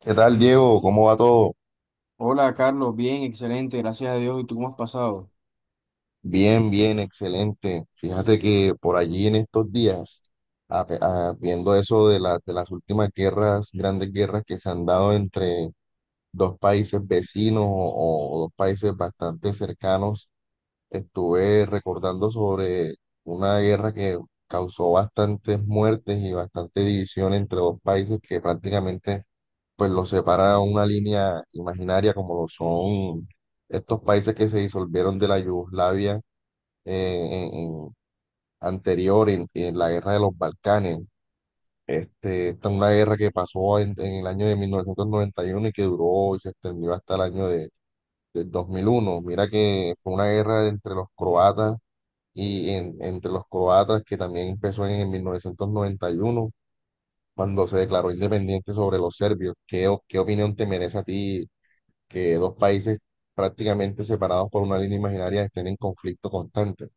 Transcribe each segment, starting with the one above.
¿Qué tal, Diego? ¿Cómo va todo? Hola Carlos, bien, excelente, gracias a Dios. ¿Y tú cómo has pasado? Bien, bien, excelente. Fíjate que por allí en estos días, a- viendo eso de, de las últimas guerras, grandes guerras que se han dado entre dos países vecinos o dos países bastante cercanos, estuve recordando sobre una guerra que causó bastantes muertes y bastante división entre dos países que prácticamente pues los separa una línea imaginaria como lo son estos países que se disolvieron de la Yugoslavia eh, en- en- anterior en la guerra de los Balcanes. Esta es una guerra que pasó en el año de 1991 y que duró y se extendió hasta el año de, del 2001. Mira que fue una guerra entre los croatas entre los croatas que también empezó en 1991 cuando se declaró independiente sobre los serbios. ¿Qué opinión te merece a ti que dos países prácticamente separados por una línea imaginaria estén en conflicto constante?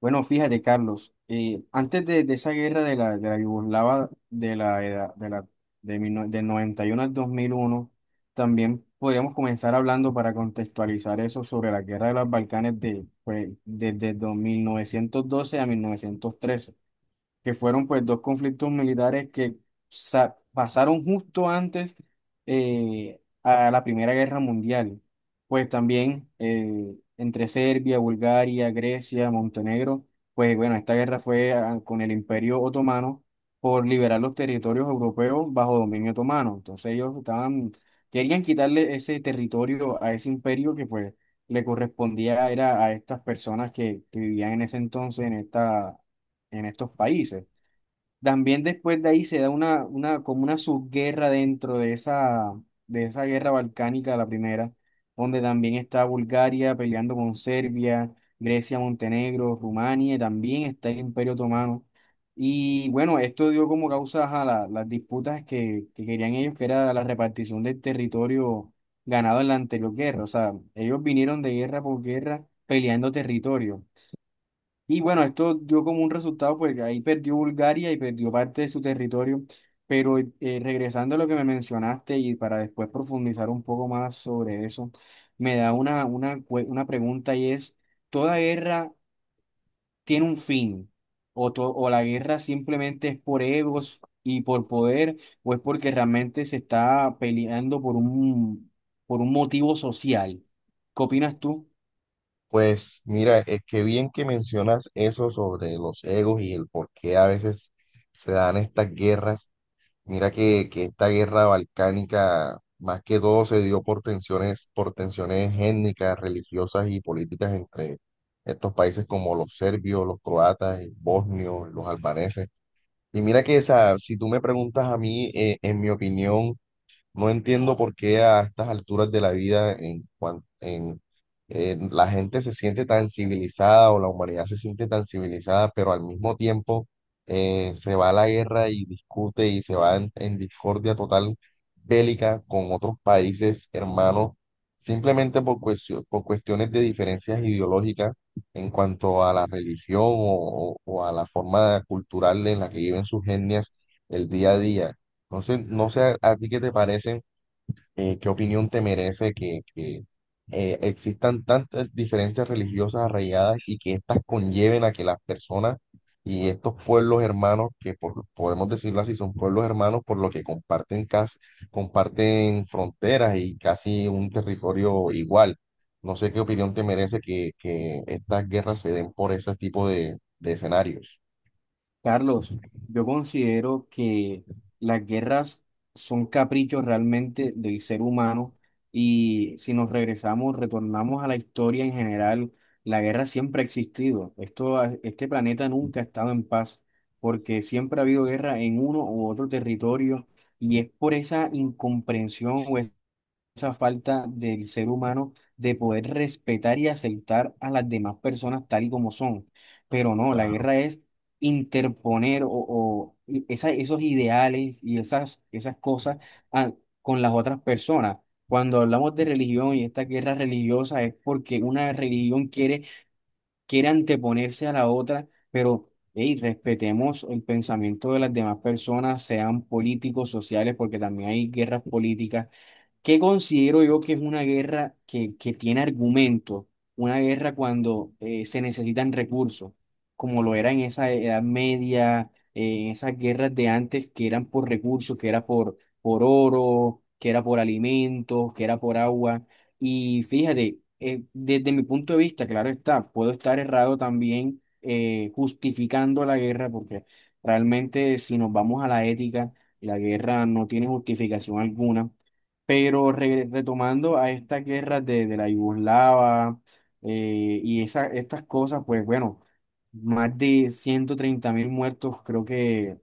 Bueno, fíjate Carlos, antes de esa guerra de de la Yugoslava de la edad de de mil no- del 91 al 2001. También podríamos comenzar hablando para contextualizar eso sobre la guerra de los Balcanes de, pues, desde 1912 a 1913, que fueron pues dos conflictos militares que pasaron justo antes a la Primera Guerra Mundial. Pues también entre Serbia, Bulgaria, Grecia, Montenegro, pues bueno, esta guerra fue con el Imperio Otomano por liberar los territorios europeos bajo dominio otomano. Entonces ellos estaban, querían quitarle ese territorio a ese imperio que pues le correspondía era a estas personas que vivían en ese entonces en en estos países. También después de ahí se da como una subguerra dentro de esa guerra balcánica, la primera, donde también está Bulgaria peleando con Serbia, Grecia, Montenegro, Rumania, y también está el Imperio Otomano. Y bueno, esto dio como causa a las disputas que querían ellos, que era la repartición del territorio ganado en la anterior guerra. O sea, ellos vinieron de guerra por guerra peleando territorio. Y bueno, esto dio como un resultado, pues que ahí perdió Bulgaria y perdió parte de su territorio, pero regresando a lo que me mencionaste y para después profundizar un poco más sobre eso, me da una pregunta y es, ¿toda guerra tiene un fin? ¿O, o la guerra simplemente es por egos y por poder, o es porque realmente se está peleando por por un motivo social? ¿Qué opinas tú? Pues mira, es que bien que mencionas eso sobre los egos y el por qué a veces se dan estas guerras. Mira que esta guerra balcánica más que todo se dio por tensiones étnicas, religiosas y políticas entre estos países como los serbios, los croatas, los bosnios, los albaneses. Y mira que esa, si tú me preguntas a mí, en mi opinión, no entiendo por qué a estas alturas de la vida la gente se siente tan civilizada o la humanidad se siente tan civilizada, pero al mismo tiempo se va a la guerra y discute y se va en discordia total bélica con otros países hermanos, simplemente por cuestiones de diferencias ideológicas en cuanto a la religión o a la forma cultural en la que viven sus etnias el día a día. Entonces, no sé a ti qué te parece, qué opinión te merece que existan tantas diferencias religiosas arraigadas y que éstas conlleven a que las personas y estos pueblos hermanos, podemos decirlo así, son pueblos hermanos por lo que comparten, casi, comparten fronteras y casi un territorio igual. No sé qué opinión te merece que estas guerras se den por ese tipo de escenarios. Carlos, yo considero que las guerras son caprichos realmente del ser humano y si nos regresamos, retornamos a la historia en general, la guerra siempre ha existido. Esto, este planeta nunca ha estado en paz porque siempre ha habido guerra en uno u otro territorio y es por esa incomprensión, esa falta del ser humano de poder respetar y aceptar a las demás personas tal y como son. Pero no, la Claro, guerra es interponer esos ideales y esas cosas a- con las otras personas. Cuando hablamos de religión y esta guerra religiosa es porque una religión quiere anteponerse a la otra, pero hey, respetemos el pensamiento de las demás personas, sean políticos, sociales, porque también hay guerras políticas. ¿Qué considero yo que es una guerra que tiene argumento? Una guerra cuando se necesitan recursos, como lo era en esa Edad Media, en esas guerras de antes que eran por recursos, que era por oro, que era por alimentos, que era por agua. Y fíjate, desde mi punto de vista, claro está, puedo estar errado también justificando la guerra, porque realmente si nos vamos a la ética, la guerra no tiene justificación alguna, pero retomando a estas guerras de la Yugoslava, y esa, estas cosas, pues bueno, más de 130.000 muertos, creo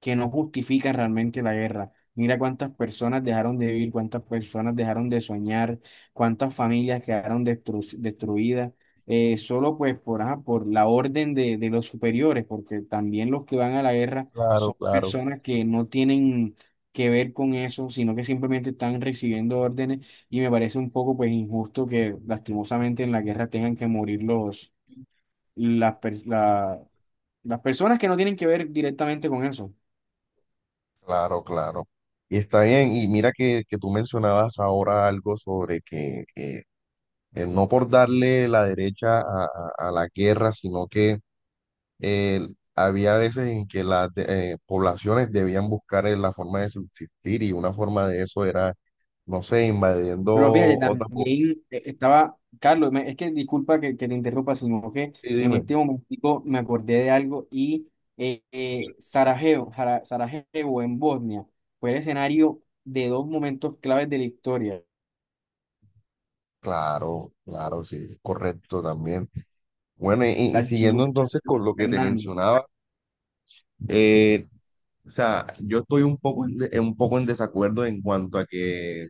que no justifica realmente la guerra. Mira cuántas personas dejaron de vivir, cuántas personas dejaron de soñar, cuántas familias quedaron destruidas, solo pues por, ajá, por la orden de los superiores, porque también los que van a la guerra claro, son claro. personas que no tienen que ver con eso, sino que simplemente están recibiendo órdenes, y me parece un poco pues injusto que lastimosamente en la guerra tengan que morir los, las, per- la- las personas que no tienen que ver directamente con eso. Claro, claro. Y está bien. Y mira que tú mencionabas ahora algo sobre que no por darle la derecha a, a la guerra, sino que eh, había veces en que las poblaciones debían buscar la forma de subsistir y una forma de eso era, no sé, invadiendo Pero fíjate, otras. Po- también estaba, Carlos, es que disculpa que te interrumpa, sino que Sí, en dime. este momentico me acordé de algo y Sarajevo, Sarajevo en Bosnia fue el escenario de dos momentos claves de la historia, el Claro, claro, sí, correcto también. Bueno, y siguiendo archiduque entonces con Francisco lo que te Fernando. mencionaba, o sea, yo estoy un poco un poco en desacuerdo en cuanto a que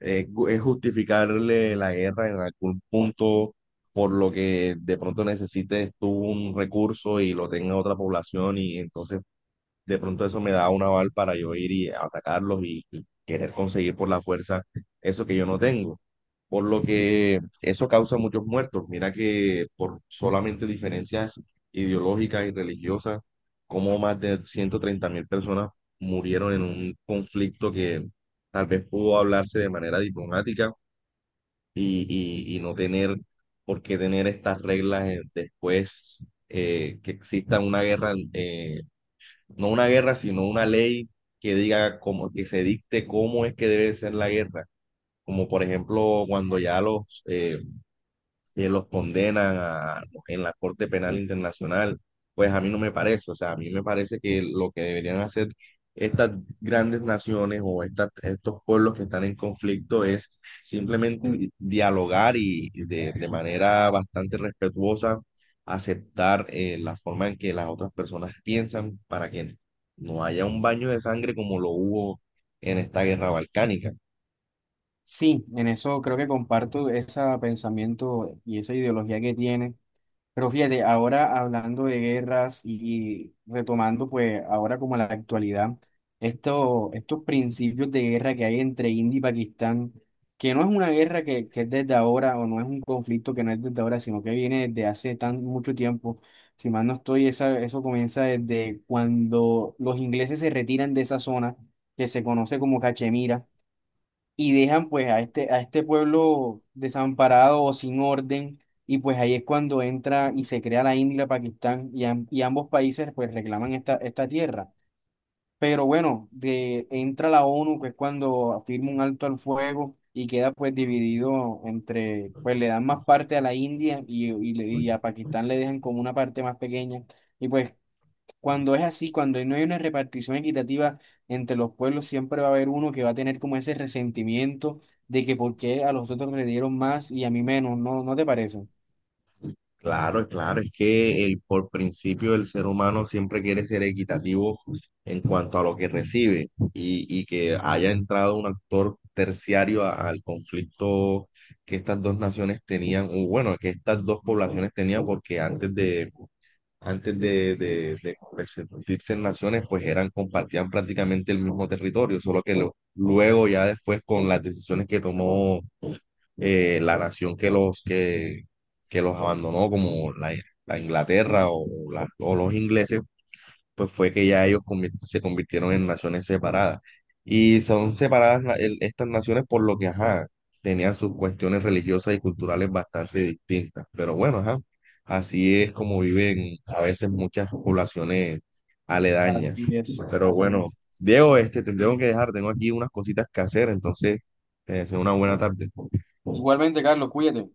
es justificarle la guerra en algún punto por lo que de pronto necesites tú un recurso y lo tenga otra población y entonces de pronto eso me da un aval para yo ir y atacarlos y querer conseguir por la fuerza eso que yo no tengo. Por lo que eso causa muchos muertos. Mira que por solamente diferencias ideológicas y religiosas, como más de 130.000 personas murieron en un conflicto que tal vez pudo hablarse de manera diplomática y no tener por qué tener estas reglas después que exista una guerra, no una guerra, sino una ley que diga cómo, que se dicte cómo es que debe ser la guerra. Como por ejemplo, cuando ya que los condenan en la Corte Penal Internacional, pues a mí no me parece, o sea, a mí me parece que lo que deberían hacer estas grandes naciones o estas estos pueblos que están en conflicto es simplemente dialogar y de manera bastante respetuosa aceptar la forma en que las otras personas piensan para que no haya un baño de sangre como lo hubo en esta guerra balcánica. Sí, en eso creo que comparto ese pensamiento y esa ideología que tiene. Pero fíjate, ahora hablando de guerras y retomando pues ahora como la actualidad, esto, estos principios de guerra que hay entre India y Pakistán, que no es una guerra que es desde ahora, o no es un conflicto que no es desde ahora, sino que viene desde hace tan mucho tiempo. Si mal no estoy, esa, eso comienza desde cuando los ingleses se retiran de esa zona que se conoce como Cachemira y dejan pues a a este pueblo desamparado o sin orden, y pues ahí es cuando entra y se crea la India y la Pakistán, y, y ambos países pues reclaman esta tierra. Pero bueno, de, entra la ONU, que es cuando firma un alto al fuego y queda pues dividido entre, pues le dan más parte a la India, y a Pakistán le dejan como una parte más pequeña. Y pues cuando es así, cuando no hay una repartición equitativa entre los pueblos, siempre va a haber uno que va a tener como ese resentimiento de que por qué a los otros le dieron más y a mí menos, ¿no? ¿No te parece? Claro, claro, es que por principio el ser humano siempre quiere ser equitativo en cuanto a lo que recibe y que haya entrado un actor terciario al conflicto que estas dos naciones tenían, o bueno, que estas dos poblaciones tenían, porque antes de convertirse en naciones, pues eran, compartían prácticamente el mismo territorio, solo que luego ya después con las decisiones que tomó la nación que los abandonó, como la Inglaterra o los ingleses, pues fue que ya ellos se convirtieron en naciones separadas. Y son separadas estas naciones por lo que, ajá, tenían sus cuestiones religiosas y culturales bastante distintas. Pero bueno, ajá, así es como viven a veces muchas poblaciones aledañas. Así es, Pero así bueno, es. Diego, este, te tengo que dejar, tengo aquí unas cositas que hacer, entonces, te deseo una buena tarde. Igualmente, Carlos, cuídate.